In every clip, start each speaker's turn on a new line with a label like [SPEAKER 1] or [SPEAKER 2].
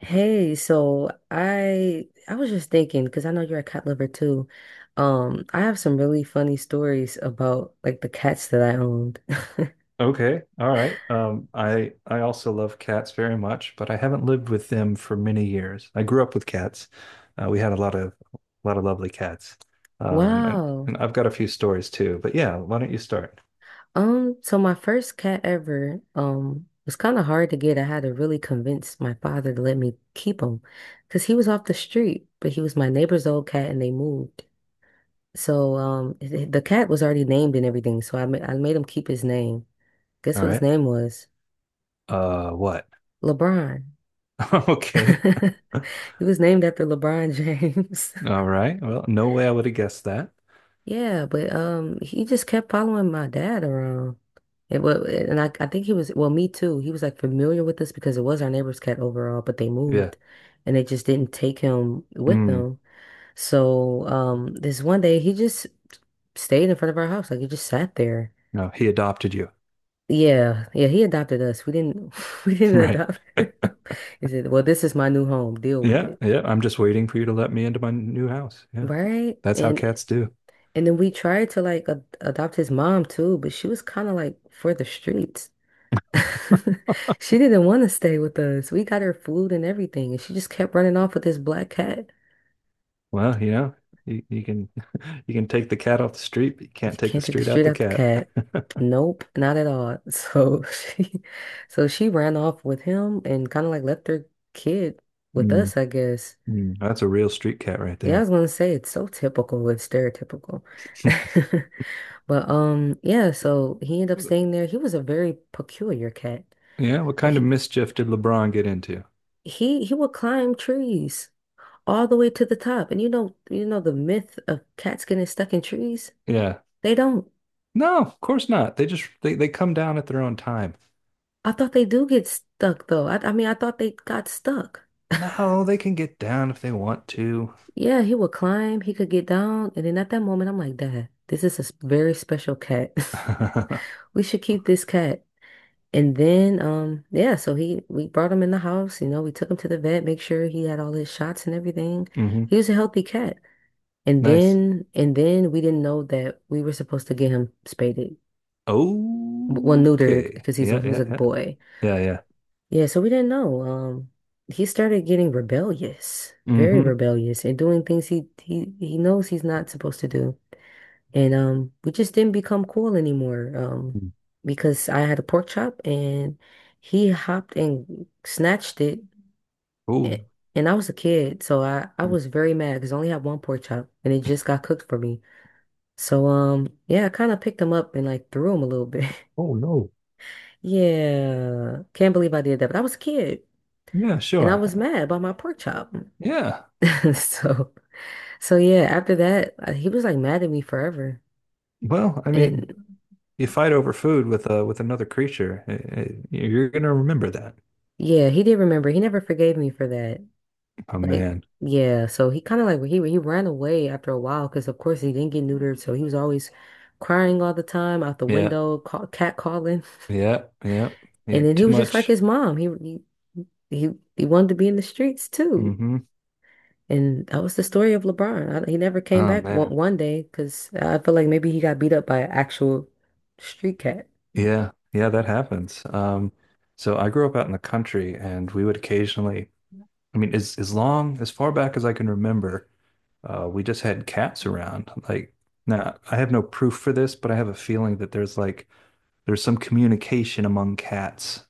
[SPEAKER 1] Hey, so I was just thinking because I know you're a cat lover too. I have some really funny stories about like the cats that I owned.
[SPEAKER 2] Okay, all right. I also love cats very much, but I haven't lived with them for many years. I grew up with cats. We had a lot of lovely cats, and
[SPEAKER 1] Wow.
[SPEAKER 2] and I've got a few stories too. But yeah, why don't you start?
[SPEAKER 1] So my first cat ever, was kind of hard to get. I had to really convince my father to let me keep him because he was off the street, but he was my neighbor's old cat and they moved. The cat was already named and everything, so I made him keep his name. Guess
[SPEAKER 2] All
[SPEAKER 1] what his
[SPEAKER 2] right.
[SPEAKER 1] name was?
[SPEAKER 2] What?
[SPEAKER 1] LeBron.
[SPEAKER 2] Okay.
[SPEAKER 1] He was named after LeBron James.
[SPEAKER 2] All right. Well, no way I would have guessed that.
[SPEAKER 1] Yeah, but he just kept following my dad around. It was, and I think he was, well, me too. He was like familiar with us because it was our neighbor's cat overall, but they
[SPEAKER 2] Yeah.
[SPEAKER 1] moved and they just didn't take him with
[SPEAKER 2] Mm,
[SPEAKER 1] them. So, this one day he just stayed in front of our house. Like he just sat there.
[SPEAKER 2] no, he adopted you.
[SPEAKER 1] Yeah, yeah, he adopted us. We didn't, we didn't
[SPEAKER 2] Right.
[SPEAKER 1] adopt him. He said, well, this is my new home. Deal with
[SPEAKER 2] Yeah.
[SPEAKER 1] it.
[SPEAKER 2] Yeah. I'm just waiting for you to let me into my new house. Yeah.
[SPEAKER 1] Right?
[SPEAKER 2] That's how cats do.
[SPEAKER 1] And then we tried to like ad adopt his mom too, but she was kind of like for the streets. She didn't want to stay with us. We got her food and everything, and she just kept running off with this black cat.
[SPEAKER 2] Well, you can. You can take the cat off the street, but you can't
[SPEAKER 1] She
[SPEAKER 2] take the
[SPEAKER 1] can't take the
[SPEAKER 2] street out
[SPEAKER 1] street
[SPEAKER 2] the
[SPEAKER 1] out the
[SPEAKER 2] cat.
[SPEAKER 1] cat. Nope, not at all. So she ran off with him and kind of like left her kid with
[SPEAKER 2] Mm,
[SPEAKER 1] us, I guess.
[SPEAKER 2] that's a real street cat right
[SPEAKER 1] Yeah, I was
[SPEAKER 2] there.
[SPEAKER 1] gonna say it's so typical, it's stereotypical. But yeah, so he ended up staying there. He was a very peculiar cat.
[SPEAKER 2] Yeah, what kind of
[SPEAKER 1] He,
[SPEAKER 2] mischief did LeBron get into?
[SPEAKER 1] he would climb trees all the way to the top. And you know the myth of cats getting stuck in trees?
[SPEAKER 2] Yeah.
[SPEAKER 1] They don't.
[SPEAKER 2] No, of course not. They just they come down at their own time.
[SPEAKER 1] I thought they do get stuck though. I mean, I thought they got stuck.
[SPEAKER 2] No, they can get down if they want to.
[SPEAKER 1] Yeah, he would climb, he could get down, and then at that moment I'm like, Dad, this is a s- very special cat.
[SPEAKER 2] Hmm.
[SPEAKER 1] We should keep this cat. And then yeah, so he we brought him in the house, you know, we took him to the vet, make sure he had all his shots and everything. He was a healthy cat. And
[SPEAKER 2] Nice.
[SPEAKER 1] then we didn't know that we were supposed to get him spaded. Well, neutered
[SPEAKER 2] Okay.
[SPEAKER 1] because
[SPEAKER 2] Yeah,
[SPEAKER 1] he was a
[SPEAKER 2] yeah, yeah.
[SPEAKER 1] boy.
[SPEAKER 2] Yeah, yeah.
[SPEAKER 1] Yeah, so we didn't know. He started getting rebellious, very
[SPEAKER 2] Mm-hmm.
[SPEAKER 1] rebellious, and doing things he knows he's not supposed to do. And we just didn't become cool anymore. Because I had a pork chop and he hopped and snatched it.
[SPEAKER 2] Oh.
[SPEAKER 1] a- And I was a kid, so I was very mad because I only had one pork chop and it just got cooked for me. So yeah, I kind of picked them up and like threw them a little bit.
[SPEAKER 2] Oh no.
[SPEAKER 1] Yeah, can't believe I did that, but I was a kid
[SPEAKER 2] Yeah,
[SPEAKER 1] and I
[SPEAKER 2] sure.
[SPEAKER 1] was mad about my pork chop.
[SPEAKER 2] Yeah.
[SPEAKER 1] So so yeah, after that, he was like mad at me forever.
[SPEAKER 2] Well, I
[SPEAKER 1] And
[SPEAKER 2] mean,
[SPEAKER 1] it,
[SPEAKER 2] you fight over food with another creature. You're gonna remember that.
[SPEAKER 1] yeah, he did remember. He never forgave me for that.
[SPEAKER 2] Oh
[SPEAKER 1] Like
[SPEAKER 2] man.
[SPEAKER 1] yeah, so he kind of like he ran away after a while because of course he didn't get neutered, so he was always crying all the time out the
[SPEAKER 2] Yeah.
[SPEAKER 1] window, cat calling.
[SPEAKER 2] Yeah. Yeah. Yeah.
[SPEAKER 1] And then he
[SPEAKER 2] Too
[SPEAKER 1] was just like
[SPEAKER 2] much.
[SPEAKER 1] his mom. He, he wanted to be in the streets too.
[SPEAKER 2] Mm-hmm.
[SPEAKER 1] And that was the story of LeBron. He never came
[SPEAKER 2] Oh
[SPEAKER 1] back
[SPEAKER 2] man.
[SPEAKER 1] one day because I feel like maybe he got beat up by an actual street cat.
[SPEAKER 2] Yeah. Yeah, that happens. So I grew up out in the country, and we would occasionally, I mean, as far back as I can remember, we just had cats around. Like, now I have no proof for this, but I have a feeling that there's some communication among cats,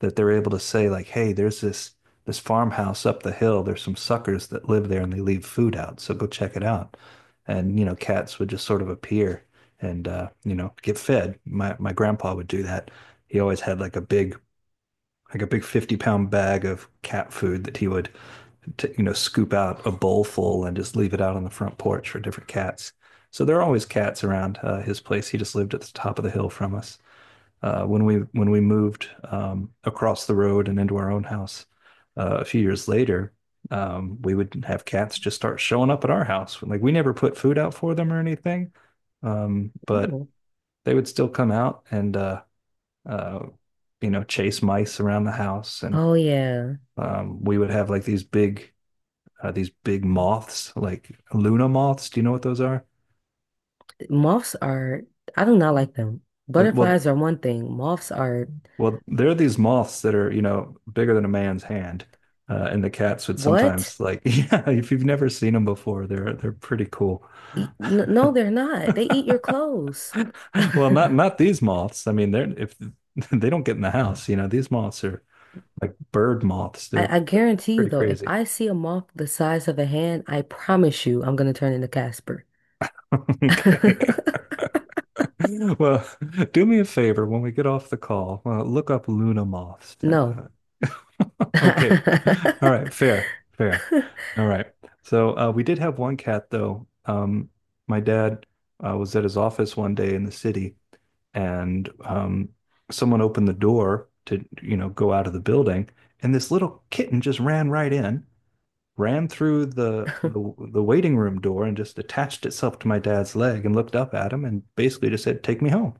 [SPEAKER 2] that they're able to say, like, hey, there's this farmhouse up the hill. There's some suckers that live there, and they leave food out. So go check it out. And you know, cats would just sort of appear, and get fed. My grandpa would do that. He always had like a big 50-pound bag of cat food that he would you know, scoop out a bowl full and just leave it out on the front porch for different cats, so there are always cats around his place. He just lived at the top of the hill from us. When we moved across the road and into our own house a few years later, we would have cats just start showing up at our house. Like, we never put food out for them or anything, but
[SPEAKER 1] Oh.
[SPEAKER 2] they would still come out and uh, you know, chase mice around the house, and
[SPEAKER 1] Oh yeah.
[SPEAKER 2] we would have like these big moths, like Luna moths. Do you know what those are?
[SPEAKER 1] Moths are I do not like them.
[SPEAKER 2] Well,
[SPEAKER 1] Butterflies are one thing. Moths are
[SPEAKER 2] Well, there are these moths that are, you know, bigger than a man's hand, and the cats would
[SPEAKER 1] what?
[SPEAKER 2] sometimes like, yeah, if you've never seen them before, they're pretty cool.
[SPEAKER 1] No, they're not. They eat your clothes.
[SPEAKER 2] Well, not
[SPEAKER 1] I,
[SPEAKER 2] not these moths. I mean, they're if they don't get in the house, you know, these moths are like bird moths. They're
[SPEAKER 1] I
[SPEAKER 2] pr
[SPEAKER 1] guarantee you
[SPEAKER 2] pretty
[SPEAKER 1] though, if
[SPEAKER 2] crazy.
[SPEAKER 1] I see a moth the size of a hand, I promise you I'm gonna turn into Casper.
[SPEAKER 2] Okay. Well, do me a favor when we get off the call, look up Luna moths.
[SPEAKER 1] No.
[SPEAKER 2] Okay. All right. Fair. Fair. All right. So we did have one cat though. My dad was at his office one day in the city, and someone opened the door to, you know, go out of the building, and this little kitten just ran right in, ran through the waiting room door, and just attached itself to my dad's leg and looked up at him and basically just said, "Take me home."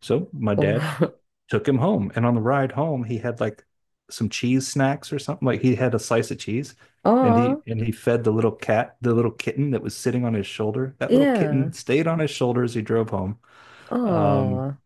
[SPEAKER 2] So my dad
[SPEAKER 1] Oh,
[SPEAKER 2] took him home. And on the ride home, he had like some cheese snacks or something. Like, he had a slice of cheese, and
[SPEAKER 1] aw,
[SPEAKER 2] he fed the little cat, the little kitten that was sitting on his shoulder. That little
[SPEAKER 1] yeah.
[SPEAKER 2] kitten stayed on his shoulder as he drove home. Um,
[SPEAKER 1] Oh,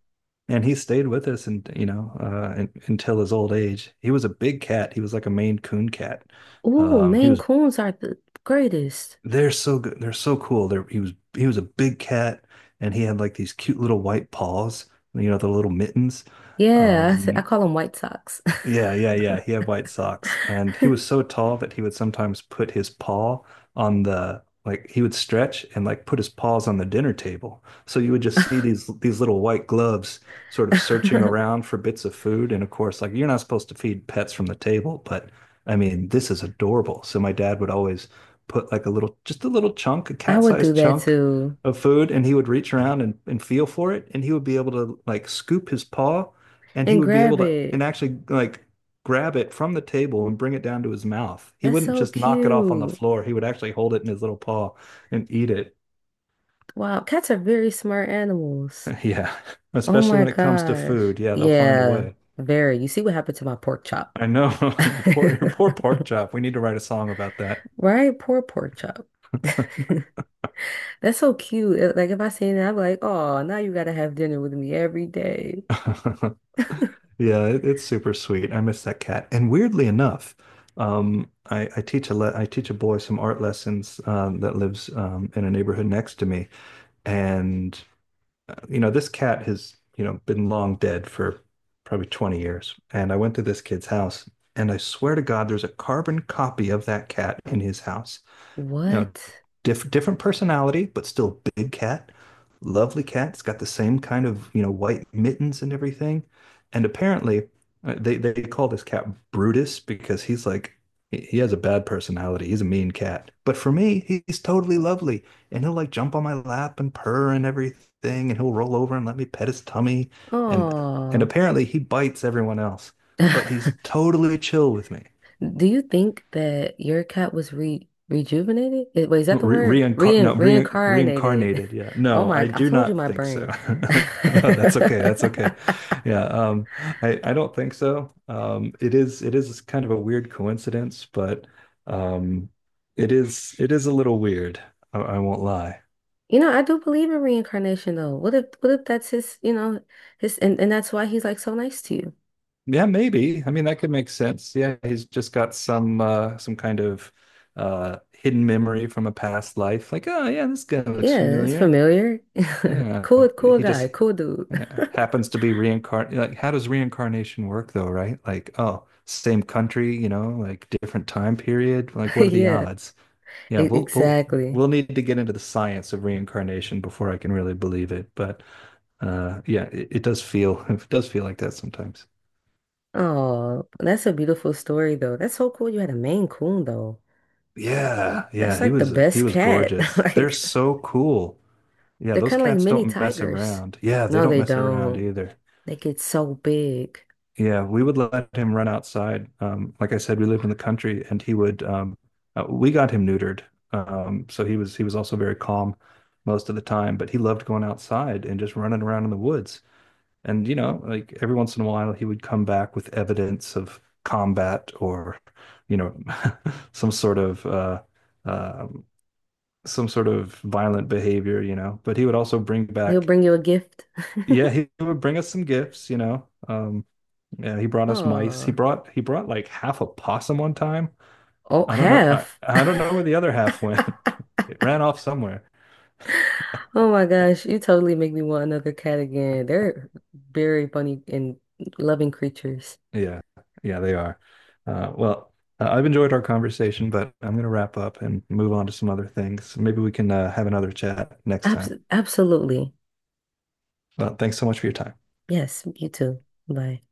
[SPEAKER 2] and he stayed with us, and until his old age. He was a big cat. He was like a Maine Coon cat.
[SPEAKER 1] ooh,
[SPEAKER 2] He
[SPEAKER 1] Maine
[SPEAKER 2] was
[SPEAKER 1] Coons are the greatest.
[SPEAKER 2] They're so good. They're so cool. He was a big cat, and he had like these cute little white paws, you know, the little mittens.
[SPEAKER 1] Yeah, I
[SPEAKER 2] Um,
[SPEAKER 1] call them White socks.
[SPEAKER 2] Yeah, yeah, yeah. He had white socks, and he was so tall that he would sometimes put his paw on the like, he would stretch and like put his paws on the dinner table. So you would just see these little white gloves sort of searching
[SPEAKER 1] I
[SPEAKER 2] around for bits of food. And of course, like, you're not supposed to feed pets from the table, but I mean, this is adorable. So my dad would always put like a little, just a little chunk, a
[SPEAKER 1] would do
[SPEAKER 2] cat-sized
[SPEAKER 1] that
[SPEAKER 2] chunk
[SPEAKER 1] too.
[SPEAKER 2] of food, and he would reach around, and feel for it, and he would be able to like scoop his paw, and he
[SPEAKER 1] And
[SPEAKER 2] would be able
[SPEAKER 1] grab
[SPEAKER 2] to and
[SPEAKER 1] it.
[SPEAKER 2] actually like grab it from the table and bring it down to his mouth. He
[SPEAKER 1] That's
[SPEAKER 2] wouldn't
[SPEAKER 1] so
[SPEAKER 2] just knock it off on the
[SPEAKER 1] cute.
[SPEAKER 2] floor. He would actually hold it in his little paw and eat it.
[SPEAKER 1] Wow, cats are very smart animals.
[SPEAKER 2] Yeah,
[SPEAKER 1] Oh
[SPEAKER 2] especially
[SPEAKER 1] my
[SPEAKER 2] when it comes to
[SPEAKER 1] gosh.
[SPEAKER 2] food. Yeah, they'll find a
[SPEAKER 1] Yeah,
[SPEAKER 2] way.
[SPEAKER 1] very. You see what happened to my pork chop.
[SPEAKER 2] I know. Your poor pork chop. We need to write a song about that.
[SPEAKER 1] Right? Poor pork chop. That's so cute. Like if I seen that, I'm like, oh, now you gotta have dinner with me every day.
[SPEAKER 2] Yeah, it's super sweet. I miss that cat. And weirdly enough, I teach a boy some art lessons that lives in a neighborhood next to me, and you know, this cat has, you know, been long dead for probably 20 years. And I went to this kid's house, and I swear to God, there's a carbon copy of that cat in his house. You know,
[SPEAKER 1] What?
[SPEAKER 2] different personality, but still big cat. Lovely cat. It's got the same kind of, you know, white mittens and everything. And apparently, they call this cat Brutus, because he's like, he has a bad personality. He's a mean cat. But for me, he's totally lovely. And he'll like jump on my lap and purr and everything, and he'll roll over and let me pet his tummy. And and
[SPEAKER 1] Oh.
[SPEAKER 2] apparently he bites everyone else, but he's totally chill with me.
[SPEAKER 1] Do you think that your cat was re rejuvenated? Eh, wait, is
[SPEAKER 2] No,
[SPEAKER 1] that the
[SPEAKER 2] Re
[SPEAKER 1] word?
[SPEAKER 2] reincar
[SPEAKER 1] Re
[SPEAKER 2] no, re
[SPEAKER 1] Reincarnated.
[SPEAKER 2] reincarnated. Yeah,
[SPEAKER 1] Oh
[SPEAKER 2] no,
[SPEAKER 1] my,
[SPEAKER 2] I
[SPEAKER 1] I
[SPEAKER 2] do
[SPEAKER 1] told you
[SPEAKER 2] not
[SPEAKER 1] my
[SPEAKER 2] think so.
[SPEAKER 1] brain.
[SPEAKER 2] No, that's okay, that's okay. Yeah. I don't think so. It is, kind of a weird coincidence, but um it is, a little weird. I won't lie.
[SPEAKER 1] You know, I do believe in reincarnation though. What if that's his, you know, and that's why he's like so nice to you?
[SPEAKER 2] Yeah, maybe. I mean, that could make sense. Yeah, he's just got some kind of hidden memory from a past life. Like, oh yeah, this guy looks
[SPEAKER 1] Yeah, it's
[SPEAKER 2] familiar.
[SPEAKER 1] familiar.
[SPEAKER 2] Yeah,
[SPEAKER 1] Cool, cool
[SPEAKER 2] he
[SPEAKER 1] guy,
[SPEAKER 2] just
[SPEAKER 1] cool dude.
[SPEAKER 2] yeah. Happens to be reincarnate. Like, how does reincarnation work though, right? Like, oh, same country, you know, like, different time period. Like, what are the
[SPEAKER 1] Yeah.
[SPEAKER 2] odds? Yeah, we'll we'll
[SPEAKER 1] Exactly.
[SPEAKER 2] we'll need to get into the science of reincarnation before I can really believe it. But yeah, it does feel it does feel like that sometimes.
[SPEAKER 1] Oh, that's a beautiful story though. That's so cool you had a Maine Coon though.
[SPEAKER 2] Yeah,
[SPEAKER 1] That's
[SPEAKER 2] yeah, he
[SPEAKER 1] like the
[SPEAKER 2] was he
[SPEAKER 1] best
[SPEAKER 2] was
[SPEAKER 1] cat.
[SPEAKER 2] gorgeous. They're
[SPEAKER 1] Like
[SPEAKER 2] so cool. Yeah,
[SPEAKER 1] they're
[SPEAKER 2] those
[SPEAKER 1] kind of like
[SPEAKER 2] cats
[SPEAKER 1] mini
[SPEAKER 2] don't mess
[SPEAKER 1] tigers.
[SPEAKER 2] around. Yeah, they
[SPEAKER 1] No,
[SPEAKER 2] don't
[SPEAKER 1] they
[SPEAKER 2] mess around
[SPEAKER 1] don't.
[SPEAKER 2] either.
[SPEAKER 1] They get so big.
[SPEAKER 2] Yeah, we would let him run outside. Like I said, we lived in the country, and he would. We got him neutered, so he was also very calm most of the time. But he loved going outside and just running around in the woods. And you know, like, every once in a while, he would come back with evidence of combat or, you know, some sort of uh, um some sort of violent behavior. You know, but he would also bring
[SPEAKER 1] He'll
[SPEAKER 2] back.
[SPEAKER 1] bring you a gift.
[SPEAKER 2] Yeah, he would bring us some gifts, you know. Yeah, he brought us mice. He
[SPEAKER 1] Oh,
[SPEAKER 2] brought like half a possum one time.
[SPEAKER 1] oh,
[SPEAKER 2] I don't know. I
[SPEAKER 1] half.
[SPEAKER 2] I don't know where the other half went. It ran off somewhere.
[SPEAKER 1] Oh my gosh, you totally make me want another cat again. They're very funny and loving creatures.
[SPEAKER 2] Yeah, yeah, they are. Well, I've enjoyed our conversation, but I'm going to wrap up and move on to some other things. Maybe we can have another chat next time.
[SPEAKER 1] Absolutely.
[SPEAKER 2] Well, thanks so much for your time.
[SPEAKER 1] Yes, you too. Bye.